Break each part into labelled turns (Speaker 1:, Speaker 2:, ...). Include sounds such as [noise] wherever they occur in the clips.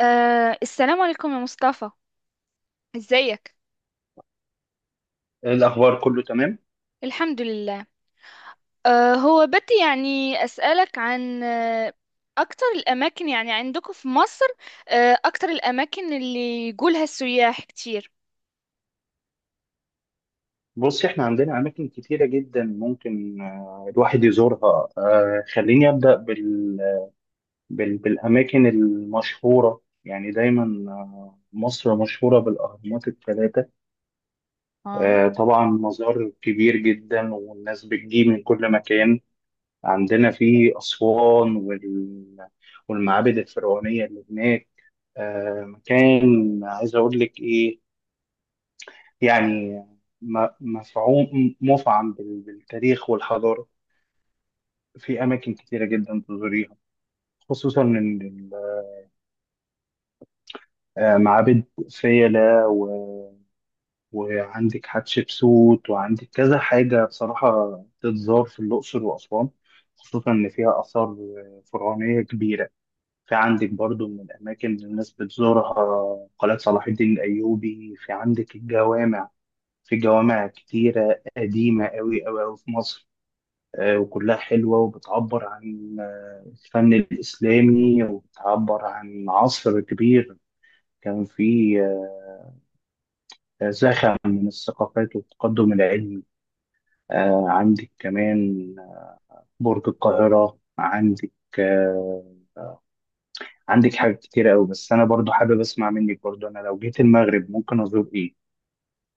Speaker 1: السلام عليكم يا مصطفى. ازيك؟
Speaker 2: إيه الأخبار، كله تمام؟
Speaker 1: الحمد لله. هو بدي يعني أسألك عن أكتر الأماكن يعني عندكم في مصر. أكتر الأماكن اللي يقولها السياح كتير.
Speaker 2: بص، احنا عندنا أماكن كتيرة جدا ممكن، الواحد يزورها. خليني أبدأ بالأماكن المشهورة. يعني دايما مصر مشهورة بالأهرامات الثلاثة.
Speaker 1: اه
Speaker 2: طبعا مزار كبير جدا، والناس بتجي من كل مكان. عندنا في أسوان والمعابد الفرعونية اللي هناك. مكان، عايز أقول لك إيه، يعني م- مفعوم مفعم بالتاريخ والحضارة. في أماكن كتيرة جدا تزوريها، خصوصا إن المعابد فيلة، وعندك حتشبسوت، وعندك كذا حاجة بصراحة تتزار في الأقصر وأسوان، خصوصا إن فيها آثار فرعونية كبيرة. في عندك برضو من الأماكن اللي الناس بتزورها قلعة صلاح الدين الأيوبي، في عندك الجوامع. في جوامع كتيرة قديمة أوي أوي أوي في مصر، وكلها حلوة، وبتعبر عن الفن الإسلامي، وبتعبر عن عصر كبير كان فيه زخم من الثقافات والتقدم العلمي. عندك كمان برج القاهرة. آه، عندك حاجات كتير أوي. بس أنا برضو حابب أسمع منك، برضو أنا لو جيت المغرب ممكن أزور إيه؟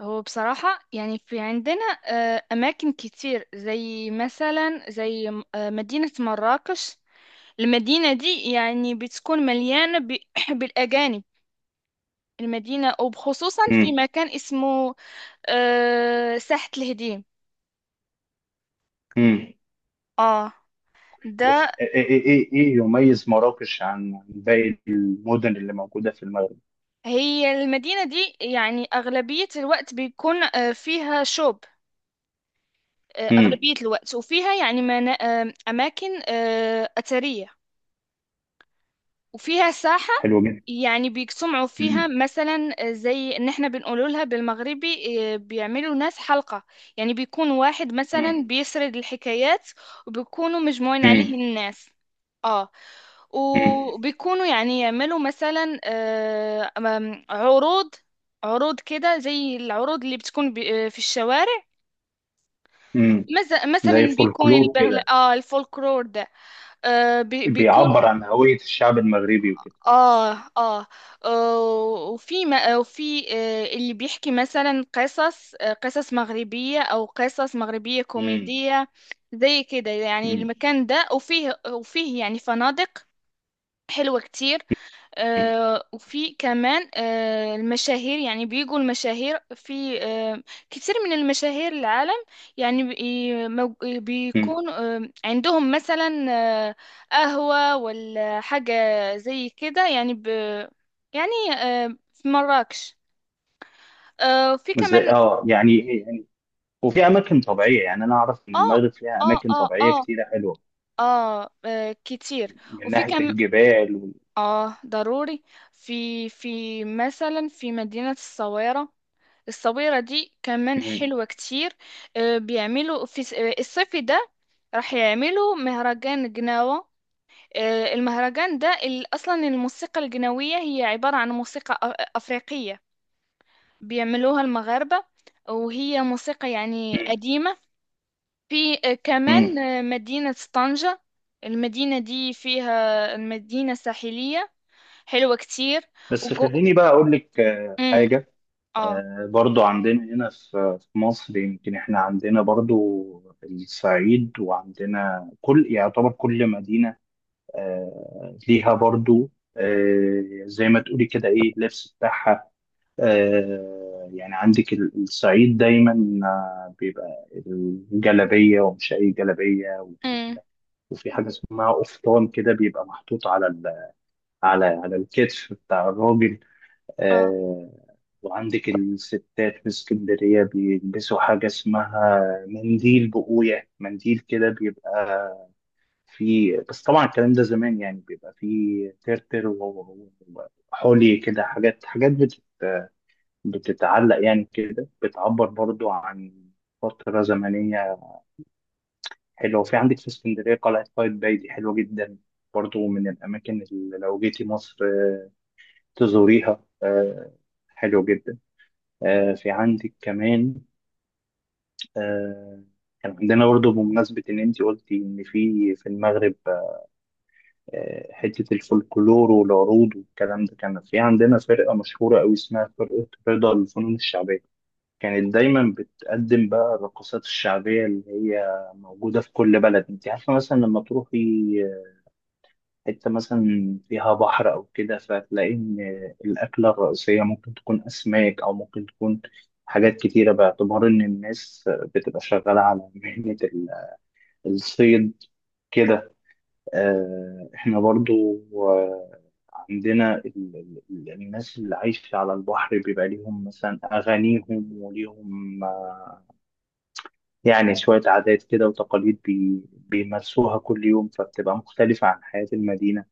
Speaker 1: هو بصراحة يعني في عندنا أماكن كتير زي مثلا زي مدينة مراكش. المدينة دي يعني بتكون مليانة [clears throat] بالأجانب. المدينة وبخصوصا في
Speaker 2: مم.
Speaker 1: مكان اسمه ساحة الهديم.
Speaker 2: مم.
Speaker 1: اه ده.
Speaker 2: بس إيه يميز مراكش عن باقي المدن اللي موجودة في المغرب؟
Speaker 1: هي المدينة دي يعني أغلبية الوقت بيكون فيها شوب،
Speaker 2: مم.
Speaker 1: أغلبية الوقت وفيها يعني أماكن أثرية، وفيها ساحة
Speaker 2: حلو جدا.
Speaker 1: يعني بيجتمعوا فيها
Speaker 2: مم.
Speaker 1: مثلا زي ان احنا بنقول لها بالمغربي إيه، بيعملوا ناس حلقة. يعني بيكون واحد مثلا
Speaker 2: مم.
Speaker 1: بيسرد الحكايات، وبيكونوا مجموعين عليه
Speaker 2: امم.
Speaker 1: الناس. اه.
Speaker 2: امم.
Speaker 1: وبيكونوا يعني يعملوا مثلا عروض، عروض كده زي العروض اللي بتكون في الشوارع.
Speaker 2: امم.
Speaker 1: مثلا
Speaker 2: زي
Speaker 1: بيكون
Speaker 2: فولكلور
Speaker 1: البهل
Speaker 2: كده،
Speaker 1: الفولكلور ده بيكون.
Speaker 2: بيعبر عن هوية الشعب المغربي وكده.
Speaker 1: آه آه آه، وفي ما- آه، وفي اللي بيحكي مثلا قصص، قصص مغربية أو قصص مغربية
Speaker 2: امم.
Speaker 1: كوميدية زي كده. يعني
Speaker 2: امم.
Speaker 1: المكان ده وفيه يعني فنادق حلوة كتير. وفي كمان المشاهير، يعني بيجوا المشاهير في كتير من المشاهير العالم. يعني
Speaker 2: امم.
Speaker 1: بيكون عندهم مثلا آه، قهوة ولا حاجة زي كده يعني. يعني في مراكش، وفي
Speaker 2: ازاي،
Speaker 1: كمان.
Speaker 2: وفي اماكن طبيعية، يعني انا اعرف ان
Speaker 1: اه
Speaker 2: المغرب فيها
Speaker 1: اه
Speaker 2: اماكن
Speaker 1: اه
Speaker 2: طبيعية
Speaker 1: اه
Speaker 2: كتيرة حلوة،
Speaker 1: كتير.
Speaker 2: من
Speaker 1: وفي
Speaker 2: ناحية
Speaker 1: كمان
Speaker 2: الجبال
Speaker 1: اه ضروري. في مثلا في مدينة الصويرة. الصبيرة دي كمان
Speaker 2: امم.
Speaker 1: حلوة كتير. بيعملوا في الصيف ده راح يعملوا مهرجان جناوة. المهرجان ده أصلا الموسيقى الجناوية هي عبارة عن موسيقى أفريقية بيعملوها المغاربة، وهي موسيقى يعني
Speaker 2: امم.
Speaker 1: قديمة. في
Speaker 2: امم.
Speaker 1: كمان مدينة طنجة. المدينة دي فيها، المدينة ساحلية حلوة كتير.
Speaker 2: بس
Speaker 1: وجو...
Speaker 2: خليني بقى اقول لك
Speaker 1: مم.
Speaker 2: حاجة.
Speaker 1: اه.
Speaker 2: برضو عندنا هنا في مصر، يمكن احنا عندنا برضو الصعيد، وعندنا يعتبر كل مدينة ليها برضو، زي ما تقولي كده، ايه اللبس بتاعها. يعني عندك الصعيد دايما بيبقى الجلابية، ومش أي جلابية.
Speaker 1: مم.
Speaker 2: وفي حاجة اسمها قفطان كده، بيبقى محطوط على الكتف بتاع الراجل.
Speaker 1: اه
Speaker 2: آه، وعندك الستات في اسكندرية بيلبسوا حاجة اسمها منديل بقوية، منديل كده بيبقى في. بس طبعا الكلام ده زمان، يعني بيبقى فيه ترتر وحولي كده، حاجات بتتعلق يعني كده، بتعبر برضو عن فترة زمنية حلوة. وفي عندك في اسكندرية قلعة قايتباي، دي حلوة جدا، برضو من الأماكن اللي لو جيتي مصر تزوريها. حلو جدا. آه، في عندك كمان آه، كان عندنا برضو، بمناسبة إن أنت قلتي إن في المغرب حتة الفولكلور والعروض والكلام ده، كان في عندنا فرقة مشهورة أوي اسمها فرقة رضا للفنون الشعبية. كانت دايما بتقدم بقى الرقصات الشعبية اللي هي موجودة في كل بلد. انت عارفة مثلا لما تروحي حتة مثلا فيها بحر أو كده، فتلاقي إن الأكلة الرئيسية ممكن تكون أسماك، أو ممكن تكون حاجات كتيرة، باعتبار إن الناس بتبقى شغالة على مهنة الصيد كده. احنا برضو عندنا الناس اللي عايشة على البحر بيبقى ليهم مثلا أغانيهم، وليهم يعني شوية عادات كده وتقاليد بيمارسوها كل يوم، فبتبقى مختلفة عن حياة المدينة.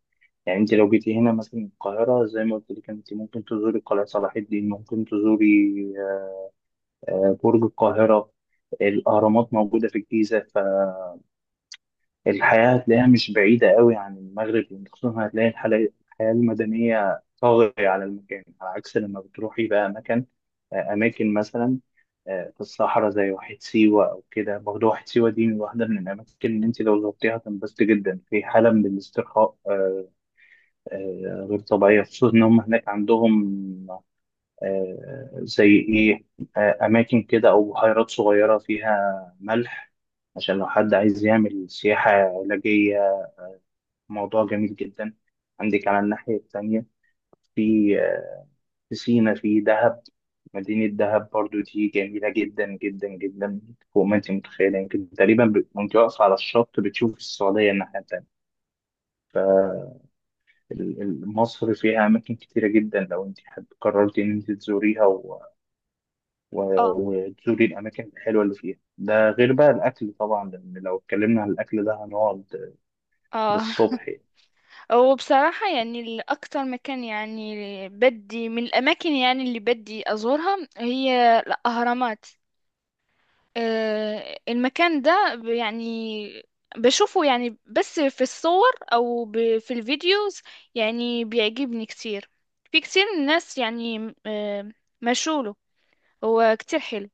Speaker 2: يعني انت لو جيتي هنا مثلا القاهرة، زي ما قلت لك انت ممكن تزوري قلعة صلاح الدين، ممكن تزوري برج القاهرة. الأهرامات موجودة في الجيزة. الحياة هتلاقيها مش بعيدة قوي عن المغرب، يعني خصوصا هتلاقي الحياة المدنية طاغية على المكان، على عكس لما بتروحي بقى مكان، أماكن مثلا في الصحراء، زي واحد سيوة أو كده، برضه واحد سيوة دي واحدة من الأماكن اللي أنت لو زرتيها هتنبسطي جدا، في حالة من الاسترخاء غير طبيعية، خصوصا إن هم هناك عندهم زي إيه، أماكن كده أو بحيرات صغيرة فيها ملح، عشان لو حد عايز يعمل سياحة علاجية. موضوع جميل جدا. عندك على الناحية التانية في سينا، في دهب. مدينة دهب برضو دي جميلة جدا جدا جدا، فوق ما انت متخيلة. يمكن تقريبا وانت واقفة على الشط بتشوف السعودية الناحية التانية. فمصر فيها أماكن كتيرة جدا، لو انت قررتي ان انت تزوريها و...
Speaker 1: اه
Speaker 2: وتزوري الأماكن الحلوة اللي فيها، ده غير بقى الأكل طبعا، لأن لو اتكلمنا عن الأكل ده هنقعد
Speaker 1: اه.
Speaker 2: للصبح يعني.
Speaker 1: وبصراحة يعني الأكتر مكان يعني بدي من الأماكن يعني اللي بدي أزورها هي الأهرامات. المكان ده يعني بشوفه يعني بس في الصور أو في الفيديوز. يعني بيعجبني كتير. في كتير من الناس يعني مشوله، هو كتير حلو.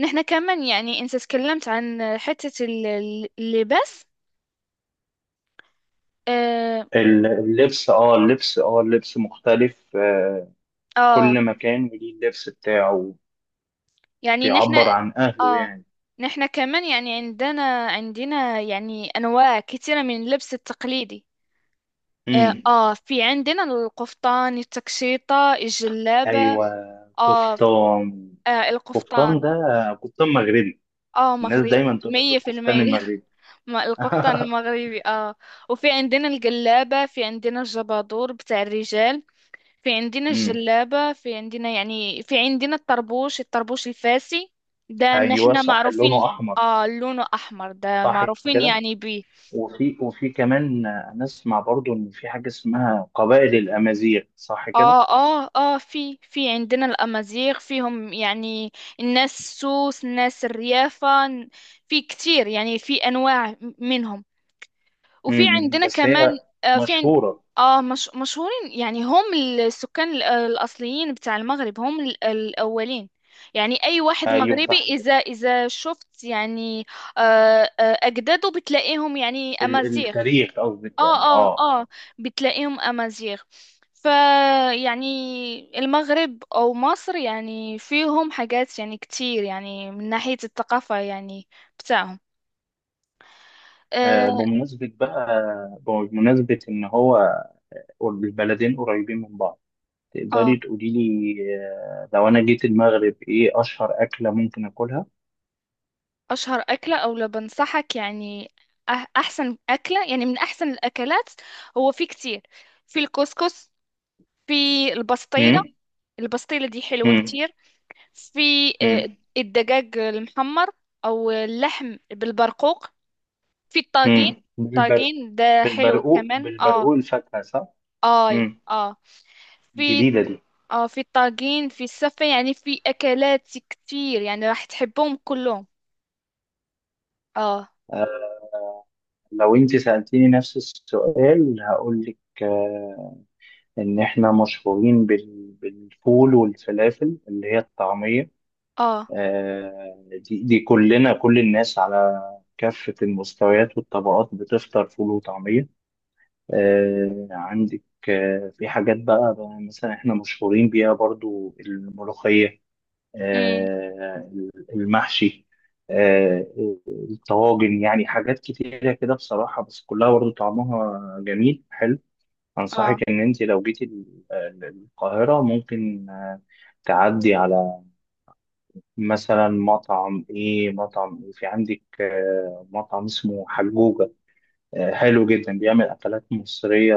Speaker 1: نحنا كمان يعني أنت تكلمت عن حتة اللباس. آه,
Speaker 2: اللبس مختلف،
Speaker 1: آه
Speaker 2: كل مكان وليه اللبس بتاعه،
Speaker 1: يعني
Speaker 2: بيعبر عن أهله
Speaker 1: اه
Speaker 2: يعني.
Speaker 1: نحنا كمان يعني عندنا يعني انواع كثيره من اللبس التقليدي. اه،
Speaker 2: امم.
Speaker 1: في عندنا القفطان، التكشيطه، الجلابه.
Speaker 2: أيوة.
Speaker 1: اه،
Speaker 2: كفتان كفتان
Speaker 1: القفطان.
Speaker 2: ده كفتان مغربي.
Speaker 1: اه،
Speaker 2: الناس
Speaker 1: مغربي
Speaker 2: دايما تقول لك
Speaker 1: مية في
Speaker 2: الكفتان
Speaker 1: المية
Speaker 2: المغربي.
Speaker 1: [laughs] القفطان
Speaker 2: [laughs]
Speaker 1: المغربي، اه. وفي عندنا الجلابه، في عندنا الجبادور بتاع الرجال، في عندنا
Speaker 2: امم.
Speaker 1: الجلابة، في عندنا يعني في عندنا الطربوش الفاسي ده ان
Speaker 2: أيوة،
Speaker 1: احنا
Speaker 2: صح، لونه
Speaker 1: معروفين.
Speaker 2: أحمر.
Speaker 1: اه، لونه احمر، ده
Speaker 2: صح
Speaker 1: معروفين
Speaker 2: كده.
Speaker 1: يعني بيه.
Speaker 2: وفي كمان أنا أسمع برضو إن في حاجة اسمها قبائل الأمازيغ، صح كده؟
Speaker 1: اه اه في عندنا الامازيغ فيهم يعني، الناس السوس، الناس الريافة، في كتير يعني في انواع منهم. وفي
Speaker 2: امم.
Speaker 1: عندنا
Speaker 2: بس
Speaker 1: كمان
Speaker 2: هي
Speaker 1: آه، في عند
Speaker 2: مشهورة.
Speaker 1: اه مش... مشهورين يعني، هم السكان الأصليين بتاع المغرب، هم الأولين. يعني أي واحد
Speaker 2: أيوة،
Speaker 1: مغربي
Speaker 2: صح كده.
Speaker 1: إذا شفت يعني أجداده بتلاقيهم يعني أمازيغ.
Speaker 2: التاريخ قصدك، يعني
Speaker 1: اه اه اه
Speaker 2: اه.
Speaker 1: بتلاقيهم أمازيغ. ف يعني المغرب أو مصر يعني فيهم حاجات يعني كتير يعني من ناحية الثقافة يعني بتاعهم.
Speaker 2: آه،
Speaker 1: اه.
Speaker 2: بمناسبة بقى بمناسبة إن هو البلدين قريبين من بعض،
Speaker 1: آه.
Speaker 2: تقدري تقولي لي لو أنا جيت المغرب إيه أشهر أكلة ممكن آكلها؟
Speaker 1: اشهر اكله، او لو بنصحك يعني احسن اكله يعني، من احسن الاكلات، هو في كتير. في الكسكس، في البسطيله.
Speaker 2: مم؟
Speaker 1: البسطيله دي حلوه
Speaker 2: مم؟
Speaker 1: كتير. في آه،
Speaker 2: مم؟
Speaker 1: الدجاج المحمر، او اللحم بالبرقوق، في الطاجين.
Speaker 2: مم؟
Speaker 1: الطاجين ده حلو كمان. اه
Speaker 2: بالبرقوق، الفاكهة، صح؟
Speaker 1: اه
Speaker 2: مم.
Speaker 1: اه. في،
Speaker 2: جديدة دي.
Speaker 1: اه، في الطاجين، في السفه، يعني في اكلات كتير يعني راح تحبهم كلهم. اه
Speaker 2: لو أنت سألتيني نفس السؤال هقول لك إن إحنا مشهورين بالفول والفلافل اللي هي الطعمية.
Speaker 1: اه
Speaker 2: آه، دي كلنا، كل الناس على كافة المستويات والطبقات بتفطر فول وطعمية. عندك في حاجات بقى مثلا احنا مشهورين بيها برضو الملوخية،
Speaker 1: امم
Speaker 2: آه، المحشي، آه، الطواجن، يعني حاجات كتيرة كده بصراحة، بس كلها برضو طعمها جميل حلو. أنصحك
Speaker 1: اه.
Speaker 2: إن أنت لو جيتي القاهرة ممكن تعدي على مثلا مطعم ايه مطعم ايه في عندك مطعم اسمه حجوجة، حلو جدا بيعمل اكلات مصرية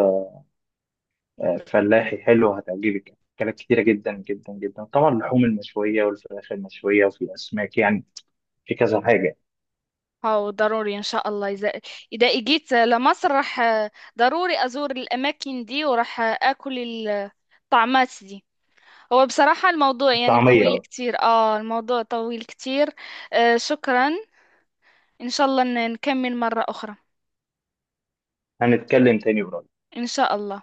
Speaker 2: فلاحي، حلو هتعجبك اكلات كتيرة جدا جدا جدا، طبعا اللحوم المشوية، والفراخ المشوية، وفي اسماك يعني، في كذا حاجة.
Speaker 1: أو ضروري إن شاء الله، إذا إجيت لمصر راح ضروري أزور الأماكن دي وراح أكل الطعمات دي. هو بصراحة الموضوع يعني طويل
Speaker 2: طعمية.
Speaker 1: كتير، الموضوع طويل كتير. شكرا، إن شاء الله نكمل مرة أخرى.
Speaker 2: هنتكلم تاني قريب.
Speaker 1: إن شاء الله.